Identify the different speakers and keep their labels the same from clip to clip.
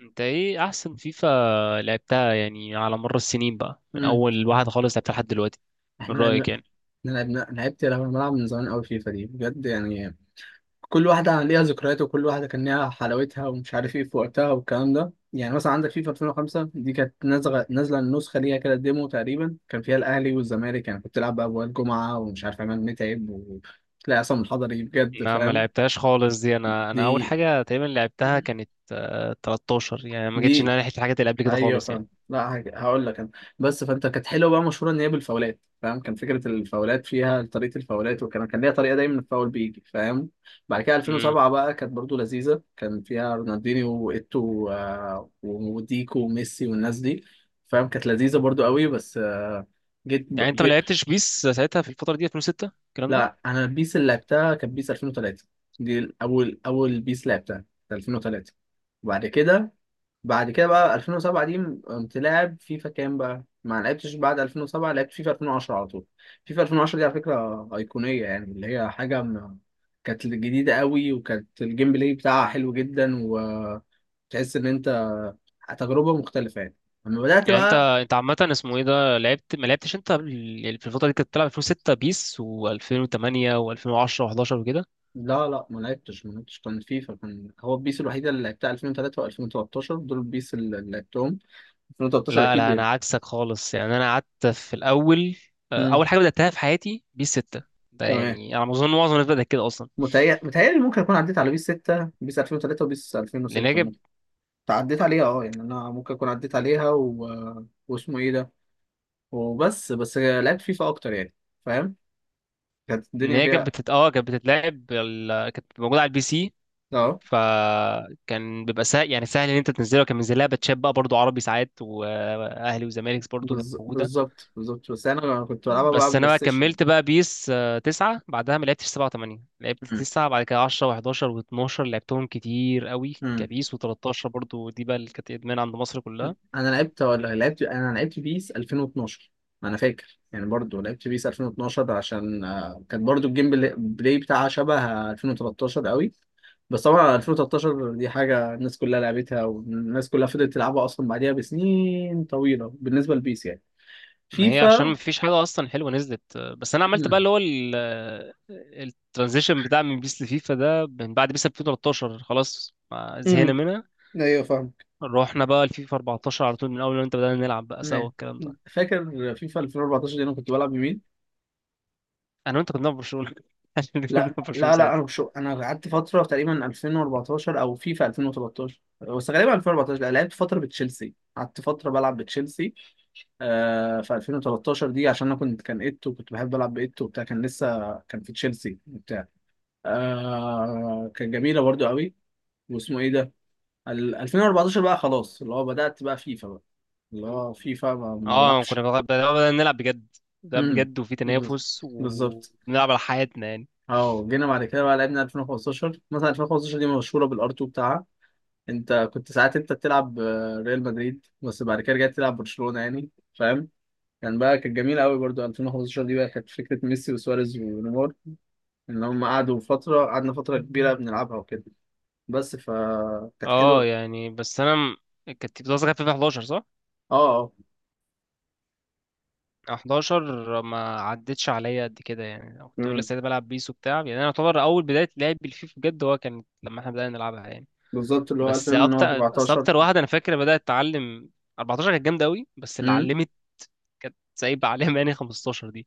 Speaker 1: انت ايه احسن فيفا لعبتها، يعني، على مر السنين بقى من
Speaker 2: مم.
Speaker 1: اول واحد خالص لعبتها لحد دلوقتي؟ من
Speaker 2: احنا
Speaker 1: رأيك،
Speaker 2: لعبنا
Speaker 1: يعني؟
Speaker 2: احنا لعبنا لعبت لما بلعب من زمان قوي فيفا دي بجد يعني. كل واحدة ليها ذكريات وكل واحدة كان ليها حلاوتها ومش عارف ايه في وقتها والكلام ده، يعني مثلا عندك فيفا 2005، دي كانت نازلة النسخة، ليها كده ديمو تقريبا كان فيها الأهلي والزمالك. يعني كنت تلعب بقى وائل جمعة ومش عارف عماد متعب وتلاقي عصام الحضري، بجد
Speaker 1: انا ما
Speaker 2: فاهم.
Speaker 1: لعبتهاش خالص دي. انا اول
Speaker 2: دي
Speaker 1: حاجة تقريبا لعبتها كانت 13، يعني ما جتش ان
Speaker 2: دي
Speaker 1: انا لحقت الحاجات اللي قبل كده
Speaker 2: ايوه
Speaker 1: خالص، يعني.
Speaker 2: فاهم. لا، هقول لك انا، بس فانت كانت حلوه بقى، مشهوره ان هي بالفاولات، فاهم، كان فكره الفاولات فيها، طريقه الفاولات، وكان ليها طريقه، دايما الفاول بيجي فاهم. بعد كده
Speaker 1: امم.
Speaker 2: 2007 بقى كانت برضو لذيذه، كان فيها رونالدينيو وايتو وديكو وميسي والناس دي. فاهم، كانت لذيذه برضو قوي، بس
Speaker 1: يعني انت ما
Speaker 2: جيت.
Speaker 1: لعبتش بيس ساعتها في الفترة دي، 2006، الكلام ده؟
Speaker 2: لا، انا البيس اللي لعبتها كانت بيس 2003. دي اول بيس لعبتها، كانت 2003. وبعد كده، بعد كده بقى 2007 دي، قمت لاعب فيفا كام بقى؟ ما لعبتش بعد 2007، لعبت فيفا 2010 على طول. فيفا 2010 دي على فكرة أيقونية يعني، اللي هي كانت جديدة قوي، وكانت الجيم بلاي بتاعها حلو جدا، وتحس إن أنت تجربة مختلفة يعني لما بدأت
Speaker 1: يعني انت
Speaker 2: بقى.
Speaker 1: انت عامة اسمه ايه ده، لعبت، ما لعبتش انت في الفترة دي كنت بتلعب 2006 بيس و2008 و2010 و11 وكده؟
Speaker 2: لا، ما لعبتش كان فيفا، كان هو البيس الوحيدة اللي لعبتها 2003 و2013، دول البيس اللي لعبتهم. 2013
Speaker 1: لا،
Speaker 2: أكيد
Speaker 1: لا،
Speaker 2: يعني.
Speaker 1: انا عكسك خالص، يعني انا قعدت في الاول.
Speaker 2: مم.
Speaker 1: اول حاجه بداتها في حياتي بيس 6. ده
Speaker 2: تمام.
Speaker 1: يعني انا اظن معظم الناس بدات كده اصلا.
Speaker 2: متهيألي ممكن أكون عديت على بيس 6، بيس 2003، وبيس
Speaker 1: لان هي
Speaker 2: 2006
Speaker 1: كانت،
Speaker 2: ممكن. عديت عليها، أه يعني، أنا ممكن أكون عديت عليها، واسمه إيه ده، بس لعبت فيفا أكتر يعني، فاهم، كانت
Speaker 1: ان
Speaker 2: الدنيا
Speaker 1: هي كانت
Speaker 2: فيها.
Speaker 1: بتت... اه كانت بتتلعب، كانت موجوده على البي سي.
Speaker 2: أه.
Speaker 1: فكان بيبقى سهل يعني، سهل ان انت تنزلها، وكان منزلها باتشات بقى برضو عربي ساعات، واهلي وزمالك برضو كانت موجوده.
Speaker 2: بالظبط، بس أنا كنت بلعبها بقى
Speaker 1: بس انا
Speaker 2: بلاي
Speaker 1: بقى
Speaker 2: ستيشن.
Speaker 1: كملت بقى بيس 9 بعدها، ما لعبتش 7 و8، لعبت
Speaker 2: مم.
Speaker 1: 9 بعد كده، 10 و11 و12 لعبتهم كتير قوي
Speaker 2: مم.
Speaker 1: كبيس، و13 برضو دي بقى اللي كانت ادمان عند مصر كلها.
Speaker 2: أنا لعبت ولا لعبت، أنا لعبت بيس 2012. أنا فاكر يعني، برضو لعبت بيس 2012 عشان كانت برضو الجيم بلاي بتاعها شبه 2013 قوي. بس طبعا 2013 دي حاجة الناس كلها لعبتها، والناس كلها فضلت تلعبها أصلا بعديها بسنين طويلة، بالنسبة لبيس يعني.
Speaker 1: ما هي عشان ما
Speaker 2: فيفا.
Speaker 1: فيش حاجه اصلا حلوه نزلت، بس انا عملت بقى
Speaker 2: مم.
Speaker 1: اللي هو الترانزيشن بتاع من بيس لفيفا ده من بعد بيس 2013، خلاص ما زهقنا
Speaker 2: امم
Speaker 1: منها.
Speaker 2: ايوه فاهمك.
Speaker 1: رحنا بقى لفيفا 14 على طول من اول ما انت بدأنا نلعب بقى سوا
Speaker 2: ايوه،
Speaker 1: الكلام ده.
Speaker 2: فاكر فيفا 2014، دي انا كنت بلعب بمين؟
Speaker 1: انا وانت كنا بنلعب برشلونه عشان كنا بنلعب
Speaker 2: لا
Speaker 1: برشلونه
Speaker 2: لا لا، انا
Speaker 1: ساعتها.
Speaker 2: مش، انا قعدت فتره تقريبا 2014 او فيفا 2013، بس غالبا 2014 لا، لعبت فتره بتشيلسي، قعدت فتره بلعب بتشيلسي. آه، في 2013 دي، عشان انا كنت، كان ايتو كنت بحب العب بايتو وبتاع، كان لسه كان في تشيلسي وبتاع. آه، كانت جميله برضو قوي. واسمه ايه ده، 2014 بقى، خلاص اللي هو بدات بقى فيفا بقى، اللي هو فيفا ما
Speaker 1: اه،
Speaker 2: بلعبش.
Speaker 1: بدأنا نلعب بجد. ده
Speaker 2: امم
Speaker 1: بجد، وفي
Speaker 2: بز-
Speaker 1: تنافس،
Speaker 2: بالظبط.
Speaker 1: وبنلعب على حياتنا، يعني.
Speaker 2: اه، جينا بعد كده بقى لعبنا 2015، مثلا 2015 دي مشهوره بالار 2 بتاعها. انت كنت ساعات انت بتلعب ريال مدريد، بس بعد كده رجعت تلعب برشلونه يعني، فاهم. كان بقى كانت جميله قوي برضو 2015 دي، بقى كانت فكره ميسي وسواريز ونيمار، ان هم قعدوا فتره، قعدنا فتره كبيره بنلعبها وكده، بس فكانت
Speaker 1: اه،
Speaker 2: حلوه.
Speaker 1: يعني، بس، كانت بتوصل فيفا 11 صح؟
Speaker 2: اه اه.
Speaker 1: 11 ما عدتش عليا قد كده، يعني أنا كنت
Speaker 2: امم
Speaker 1: لسه بلعب بيس وبتاع، يعني انا يعتبر اول بدايه لعبي الفيفا بجد هو كان لما احنا بدانا نلعبها، يعني.
Speaker 2: بالظبط، اللي هو
Speaker 1: بس اكتر بس
Speaker 2: 2014.
Speaker 1: اكتر واحده انا فاكر بدات اتعلم، 14، كانت جامده قوي، بس اللي
Speaker 2: امم
Speaker 1: علمت كانت سايبه عليها، يعني 15 دي.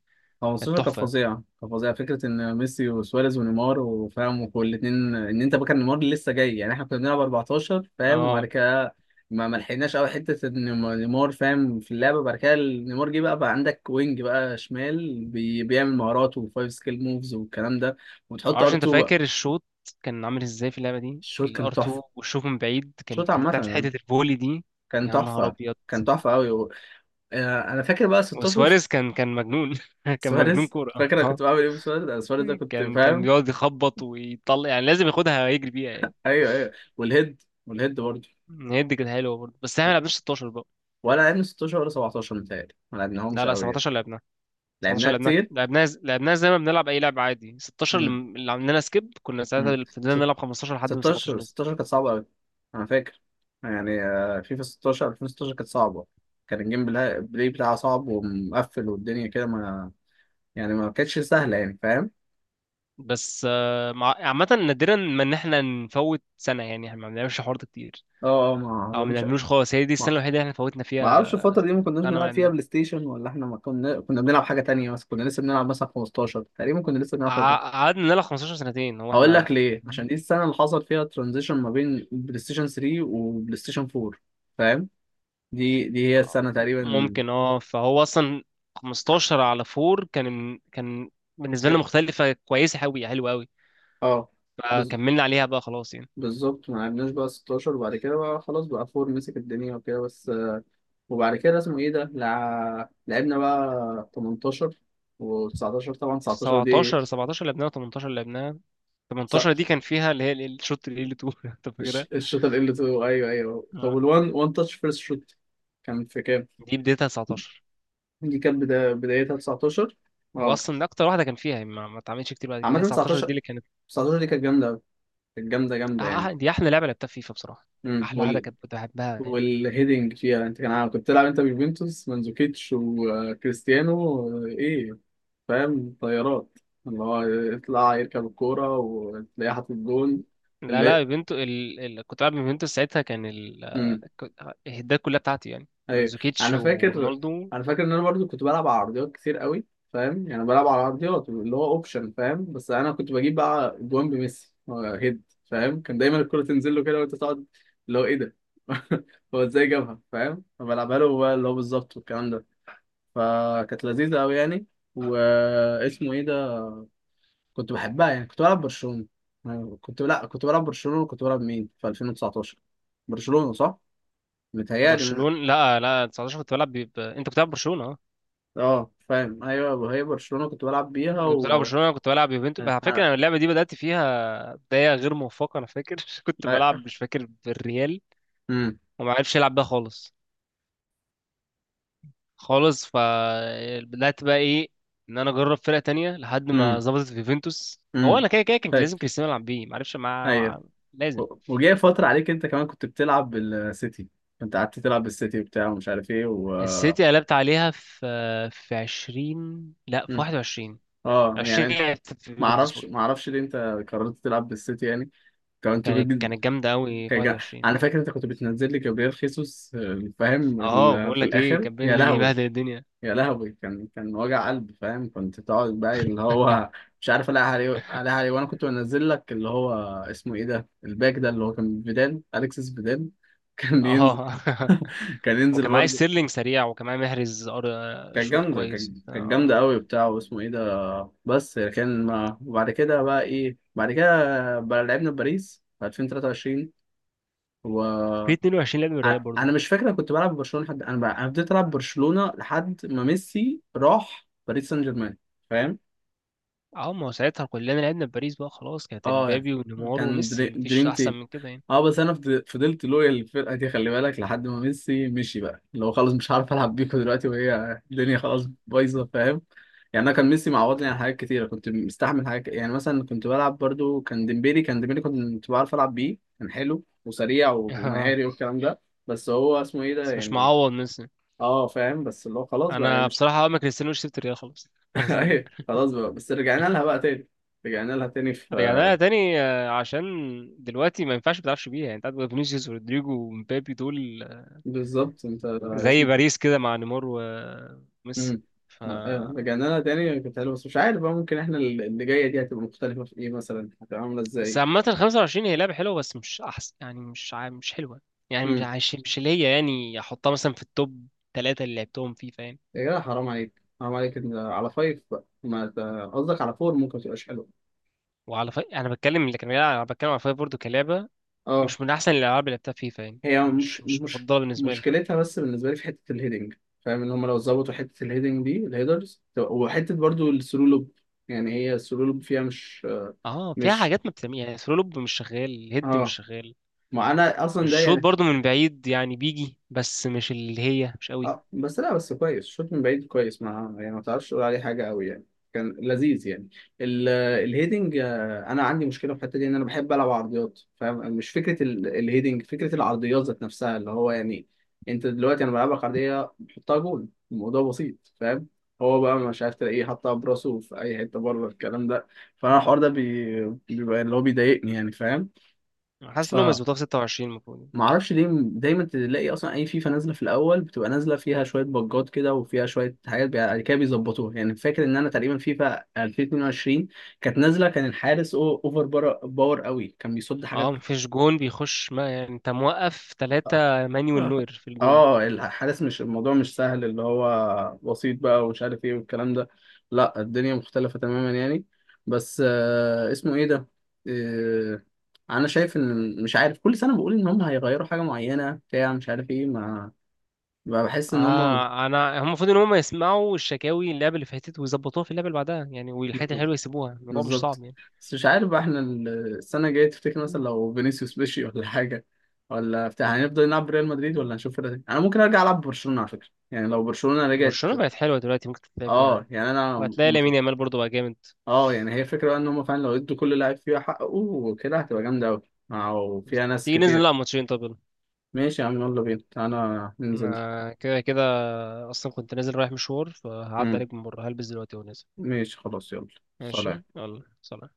Speaker 1: كانت
Speaker 2: 15 كانت
Speaker 1: تحفه.
Speaker 2: فظيعه، كانت فظيعه، فكره ان ميسي وسواريز ونيمار، وفاهم، وكل اتنين، ان انت بقى، كان نيمار لسه جاي يعني، احنا كنا بنلعب 14 فاهم، وبعد
Speaker 1: اه،
Speaker 2: كده ما لحقناش قوي حته ان نيمار فاهم في اللعبه، بعد كده نيمار جه بقى عندك وينج بقى شمال، بيعمل مهارات وفايف سكيل موفز والكلام ده،
Speaker 1: ما
Speaker 2: وتحط ار
Speaker 1: اعرفش، انت
Speaker 2: 2 بقى.
Speaker 1: فاكر الشوط كان عامل ازاي في اللعبه دي؟
Speaker 2: الشوط كان
Speaker 1: الار
Speaker 2: تحفه،
Speaker 1: 2 والشوط من بعيد كان
Speaker 2: الشوط
Speaker 1: في
Speaker 2: عامه
Speaker 1: بتاعت حته
Speaker 2: يعني،
Speaker 1: الفولي دي.
Speaker 2: كان
Speaker 1: يا نهار
Speaker 2: تحفه،
Speaker 1: ابيض!
Speaker 2: كان تحفه قوي. انا فاكر بقى 16،
Speaker 1: وسواريز كان مجنون كان مجنون
Speaker 2: سواريز،
Speaker 1: كوره،
Speaker 2: فاكر انا
Speaker 1: اه.
Speaker 2: كنت بعمل ايه بسواريز؟ أنا سواريز ده كنت
Speaker 1: كان
Speaker 2: فاهم.
Speaker 1: بيقعد يخبط ويطلع، يعني لازم ياخدها يجري بيها، يعني.
Speaker 2: ايوه ايوه. والهيد، والهيد برضه.
Speaker 1: هي دي كانت حلوه برضه، بس احنا ما لعبناش 16 بقى.
Speaker 2: ولا لعبنا 16 ولا 17، متهيألي ما
Speaker 1: لا،
Speaker 2: لعبناهمش
Speaker 1: لا،
Speaker 2: قوي يعني.
Speaker 1: 17 لعبناها. 17
Speaker 2: لعبناها
Speaker 1: لعبناها
Speaker 2: كتير.
Speaker 1: لعبناها لعبناها زي ما بنلعب اي لعبه عادي. 16 اللي
Speaker 2: مم.
Speaker 1: اللي عملنا سكيب كنا
Speaker 2: مم.
Speaker 1: ساعتها، فضلنا
Speaker 2: ست-
Speaker 1: نلعب 15 لحد ما
Speaker 2: 16
Speaker 1: 17 نزل.
Speaker 2: 16 كانت صعبة قوي. انا فاكر، يعني فيفا 16، 2016 كانت صعبة، كان الجيم بلاي بتاعها صعب ومقفل، والدنيا كده ما، يعني ما كانتش سهلة يعني فاهم.
Speaker 1: بس عامه نادرا ما ان احنا نفوت سنه، يعني احنا ما بنعملش حوار ده كتير
Speaker 2: اه اه. ما
Speaker 1: او ما
Speaker 2: مش،
Speaker 1: بنعملوش خالص. هي دي السنه الوحيده اللي احنا فوتنا
Speaker 2: ما اعرفش
Speaker 1: فيها.
Speaker 2: الفترة دي ما كناش
Speaker 1: انا ما
Speaker 2: بنلعب فيها
Speaker 1: لعبناها،
Speaker 2: بلاي ستيشن، ولا احنا ما كنا، بنلعب حاجة تانية، بس كنا لسه بنلعب مثلا 15، تقريبا كنا لسه بنلعب 15.
Speaker 1: قعدنا نلعب 15 سنتين هو
Speaker 2: هقول لك
Speaker 1: احنا.
Speaker 2: ليه، عشان دي السنة اللي حصل فيها ترانزيشن ما بين بلاي ستيشن 3 وبلاي ستيشن 4، فاهم. دي هي السنة تقريبا.
Speaker 1: ممكن، اه، فهو اصلا 15 على 4 كان بالنسبه لنا
Speaker 2: ك-
Speaker 1: مختلفه، كويسه قوي، حلوه قوي.
Speaker 2: اه. بز...
Speaker 1: فكملنا عليها بقى خلاص، يعني.
Speaker 2: بالظبط، ما لعبناش بقى 16، وبعد كده بقى خلاص، بقى 4 مسك الدنيا وكده بس. وبعد كده اسمه ايه ده، لعبنا بقى 18 و19. طبعا 19 دي،
Speaker 1: 17 لعبناها. 18 لعبناها. 18 دي كان فيها اللي هي الشوت اللي تو انت فاكرها؟
Speaker 2: الشوطة ال L2، أيوه أيوه. طب
Speaker 1: آه.
Speaker 2: وال One One Touch First Shot كان في كام؟
Speaker 1: دي بدايتها 19.
Speaker 2: دي كانت بدايتها 19. اه،
Speaker 1: واصلا ده اكتر واحده كان فيها، يعني ما اتعملتش كتير بعد كده. هي
Speaker 2: عامة
Speaker 1: 19 دي
Speaker 2: 19
Speaker 1: اللي كانت.
Speaker 2: 19 دي كانت جامدة أوي، كانت جامدة
Speaker 1: آه،
Speaker 2: جامدة يعني.
Speaker 1: آه، دي احلى لعبه لعبتها في فيفا بصراحه. احلى واحده
Speaker 2: وال،
Speaker 1: كانت بحبها، يعني.
Speaker 2: والهيدنج فيها، انت كان عارف كنت تلعب انت بيوفنتوس مانزوكيتش وكريستيانو، ايه، فاهم، طيارات، اللي هو يطلع يركب الكورة وتلاقيه حاطط جون
Speaker 1: لا، لا،
Speaker 2: اللي.
Speaker 1: يوفنتوس. كنت بلعب يوفنتوس ساعتها. ك- الهدات كلها بتاعتي يعني
Speaker 2: ايوه.
Speaker 1: منزوكيتش
Speaker 2: انا فاكر،
Speaker 1: ورونالدو.
Speaker 2: انا فاكر ان انا برضو كنت بلعب على عرضيات كتير قوي، فاهم، يعني بلعب على عرضيات اللي هو اوبشن، فاهم، بس انا كنت بجيب بقى جوان بميسي، هيد، فاهم، كان دايما الكرة تنزل له كده وانت تقعد، اللي هو ايه ده، هو ازاي جابها فاهم، فبلعبها له بقى اللي هو بالظبط والكلام ده، فكانت لذيذة قوي يعني. واسمه ايه ده، كنت بحبها يعني، كنت بلعب برشلونة. أنا كنت، لا كنت بلعب برشلونة، وكنت بلعب مين في 2019؟ برشلونة صح متهيألي.
Speaker 1: برشلونة. لا، لا، 19 كنت بلعب ب... ب- انت كنت بتلعب برشلونة، اه.
Speaker 2: اه فاهم، ايوه، هي برشلونة كنت بلعب بيها
Speaker 1: كنت بتلعب
Speaker 2: و
Speaker 1: برشلونة، انا كنت بلعب يوفنتوس
Speaker 2: آه،
Speaker 1: على فكرة.
Speaker 2: آه،
Speaker 1: انا اللعبة دي بدأت فيها بداية غير موفقة، انا فاكر كنت بلعب مش فاكر بالريال،
Speaker 2: امم
Speaker 1: وما عرفش يلعب بيها خالص خالص. فبدأت بقى ايه، ان انا اجرب فرقة تانية لحد ما
Speaker 2: امم
Speaker 1: ظبطت في يوفنتوس. هو
Speaker 2: امم
Speaker 1: انا كده كده كان
Speaker 2: فاكر.
Speaker 1: لازم كريستيانو يلعب بيه، ما عرفش،
Speaker 2: ايوه،
Speaker 1: لازم.
Speaker 2: وجاي فترة عليك انت كمان كنت بتلعب بالسيتي، كنت قعدت تلعب بالسيتي وبتاع، ومش عارف ايه و.
Speaker 1: السيتي قلبت عليها في 20، لا في
Speaker 2: مم.
Speaker 1: 21.
Speaker 2: اه
Speaker 1: 20
Speaker 2: يعني،
Speaker 1: لعبت في
Speaker 2: ما
Speaker 1: يوفنتوس
Speaker 2: اعرفش،
Speaker 1: برضه.
Speaker 2: ما اعرفش ليه انت قررت تلعب بالسيتي يعني، كنت
Speaker 1: كانت
Speaker 2: بجد.
Speaker 1: كانت جامدة قوي في 21.
Speaker 2: انا فاكر انت كنت بتنزل لي جابريل خيسوس، فاهم،
Speaker 1: اه، بقول
Speaker 2: في
Speaker 1: لك ايه،
Speaker 2: الاخر
Speaker 1: كان
Speaker 2: يا
Speaker 1: بينزل
Speaker 2: لهوي.
Speaker 1: يبهدل الدنيا.
Speaker 2: يا لهوي، كان كان وجع قلب، فاهم، كنت تقعد بقى اللي هو مش عارف الاقي عليه، وانا كنت بنزل لك اللي هو اسمه ايه ده، الباك ده اللي هو كان فيدال، اليكسس فيدال كان ينزل،
Speaker 1: اه
Speaker 2: كان ينزل
Speaker 1: وكان معايا
Speaker 2: برضه.
Speaker 1: ستيرلينج سريع، وكان معايا محرز
Speaker 2: كانت
Speaker 1: شوط
Speaker 2: جامدة،
Speaker 1: كويس،
Speaker 2: كانت كانت
Speaker 1: اه.
Speaker 2: جامدة قوي بتاع، واسمه ايه ده، بس كان ما، وبعد كده بقى ايه، بعد كده بقى لعبنا في باريس في 2023، و،
Speaker 1: في 22 لعب ريال برضه.
Speaker 2: انا مش فاكر، أنا كنت بلعب برشلونة حد، انا انا بديت العب برشلونة لحد ما ميسي راح باريس سان جيرمان، فاهم.
Speaker 1: اه، ما هو ساعتها كلنا لعبنا في باريس بقى خلاص، كانت
Speaker 2: اه يعني،
Speaker 1: امبابي ونيمار
Speaker 2: كان
Speaker 1: وميسي، مفيش
Speaker 2: دريم
Speaker 1: احسن
Speaker 2: تيم.
Speaker 1: من كده، يعني.
Speaker 2: اه، بس انا فضلت لويال للفرقه دي، خلي بالك، لحد ما ميسي مشي بقى اللي هو خلاص، مش عارف العب بيكو دلوقتي، وهي الدنيا خلاص بايظه فاهم. يعني انا كان ميسي معوضني عن حاجات كتيره، كنت مستحمل حاجات، يعني مثلا كنت بلعب برضو، كان ديمبيلي كنت بعرف العب بيه، كان حلو وسريع
Speaker 1: اه،
Speaker 2: ومهاري والكلام ده، بس هو اسمه ايه ده
Speaker 1: بس مش
Speaker 2: يعني.
Speaker 1: معوض ميسي.
Speaker 2: اه فاهم، بس اللي هو خلاص بقى يعني،
Speaker 1: انا
Speaker 2: مش.
Speaker 1: بصراحة اول ما كريستيانو سبت الريال خلاص على طول، يعني.
Speaker 2: ايوه، خلاص بقى، بس رجعنا لها بقى تاني، رجعنا لها تاني في.
Speaker 1: رجعنا لها تاني عشان دلوقتي ما ينفعش ما تلعبش بيها، يعني. انت عندك فينيسيوس ورودريجو ومبابي دول
Speaker 2: بالظبط انت،
Speaker 1: زي
Speaker 2: اسم.
Speaker 1: باريس كده مع نيمار وميسي.
Speaker 2: امم
Speaker 1: ف
Speaker 2: رجعنا لها تاني، كانت حلوه، بس مش عارف بقى، ممكن احنا اللي جايه دي هتبقى مختلفه في ايه مثلا، هتبقى عامله
Speaker 1: بس
Speaker 2: ازاي؟
Speaker 1: عامة ال 25 هي لعبة حلوة، بس مش أحسن، يعني مش حلوة، يعني مش
Speaker 2: امم
Speaker 1: عايش، مش اللي هي، يعني أحطها مثلا في التوب ثلاثة اللي لعبتهم فيفا، يعني.
Speaker 2: يا جدع، حرام عليك، حرام عليك، على فايف بقى، ما ت- قصدك على فور ممكن ما تبقاش حلوه.
Speaker 1: أنا بتكلم اللي كان بيلعب، أنا بتكلم على فيفا برضه كلعبة.
Speaker 2: اه،
Speaker 1: مش من أحسن الألعاب اللي لعبتها فيفا، يعني
Speaker 2: هي مش
Speaker 1: مش
Speaker 2: مش
Speaker 1: مفضلة بالنسبة لي.
Speaker 2: مشكلتها بس بالنسبه لي في حته الهيدنج، فاهم، ان هم لو ظبطوا حته الهيدنج دي، الهيدرز، وحته برضو الثرو لوب، يعني هي الثرو لوب فيها مش
Speaker 1: اه، فيها
Speaker 2: مش.
Speaker 1: حاجات ما بتعملها، يعني، ثرولوب مش شغال، الهيد مش
Speaker 2: اه،
Speaker 1: شغال.
Speaker 2: ما انا اصلا ده.
Speaker 1: الشوط برضو من بعيد يعني بيجي، بس مش اللي هي، مش قوي.
Speaker 2: اه، بس لا بس كويس، الشوط من بعيد كويس، ما يعني ما تعرفش تقول عليه حاجه قوي يعني، كان لذيذ يعني. ال- الهيدنج، انا عندي مشكله في الحته دي، ان انا بحب العب عرضيات، فاهم، مش فكره الهيدنج، فكره العرضيات ذات نفسها، اللي هو يعني، انت دلوقتي انا بلعبك عرضيه بحطها جول، الموضوع بسيط فاهم، هو بقى مش عارف تلاقيه حطها براسه في اي حته بره، الكلام ده فانا الحوار ده بيبقى اللي هو بيضايقني يعني.
Speaker 1: حاسس انهم
Speaker 2: فاهم،
Speaker 1: يظبطوها في 26 المفروض، يعني.
Speaker 2: ما اعرفش ليه دايما تلاقي اصلا اي فيفا نازله في الاول بتبقى نازله فيها شويه بجات كده، وفيها شويه حاجات بعد كده بيظبطوها يعني. فاكر ان انا تقريبا فيفا 2022 كانت نازله، كان الحارس اوفر باور قوي، كان بيصد حاجات.
Speaker 1: اه، مفيش جون بيخش، ما يعني انت موقف ثلاثة
Speaker 2: اه.
Speaker 1: مانويل
Speaker 2: آه.
Speaker 1: نوير في الجون.
Speaker 2: الحارس مش، الموضوع مش سهل اللي هو بسيط بقى ومش عارف ايه والكلام ده، لا، الدنيا مختلفه تماما يعني. بس آه اسمه ايه ده. آه، انا شايف ان، مش عارف، كل سنه بقول ان هم هيغيروا حاجه معينه بتاع، مش عارف ايه، ما، بقى بحس ان هما.
Speaker 1: آه، هم المفروض ان هم يسمعوا الشكاوي اللعبة اللي فاتت ويظبطوها في اللعبة اللي بعدها، يعني، والحاجات الحلوة يسيبوها، الموضوع مش
Speaker 2: بالظبط.
Speaker 1: صعب، يعني.
Speaker 2: بس مش عارف بقى، احنا السنه الجايه تفتكر مثلا
Speaker 1: مم.
Speaker 2: لو فينيسيوس مشي ولا حاجه ولا بتاع، هنفضل نلعب ريال مدريد
Speaker 1: مم.
Speaker 2: ولا هنشوف فرقه تانية؟ انا ممكن ارجع العب برشلونه على فكره يعني، لو برشلونه رجعت.
Speaker 1: برشلونة بقت حلوة دلوقتي، ممكن تتلعب بيها
Speaker 2: اه
Speaker 1: عادي.
Speaker 2: يعني، انا
Speaker 1: وهتلاقي لامين يامال برضو بقى جامد.
Speaker 2: اه يعني، هي فكره بقى ان هم فعلا لو ادوا كل لاعب فيها حقه وكده هتبقى جامده قوي، او فيها ناس
Speaker 1: تيجي ننزل
Speaker 2: كتير.
Speaker 1: نلعب ماتشين؟ طب يلا.
Speaker 2: ماشي يا عم، يلا بينا انا ننزل.
Speaker 1: انا كده كده اصلا كنت نازل رايح مشوار، فهعدي
Speaker 2: امم
Speaker 1: عليك من بره، هلبس دلوقتي ونازل.
Speaker 2: ماشي خلاص، يلا. سلام.
Speaker 1: ماشي يلا، سلام.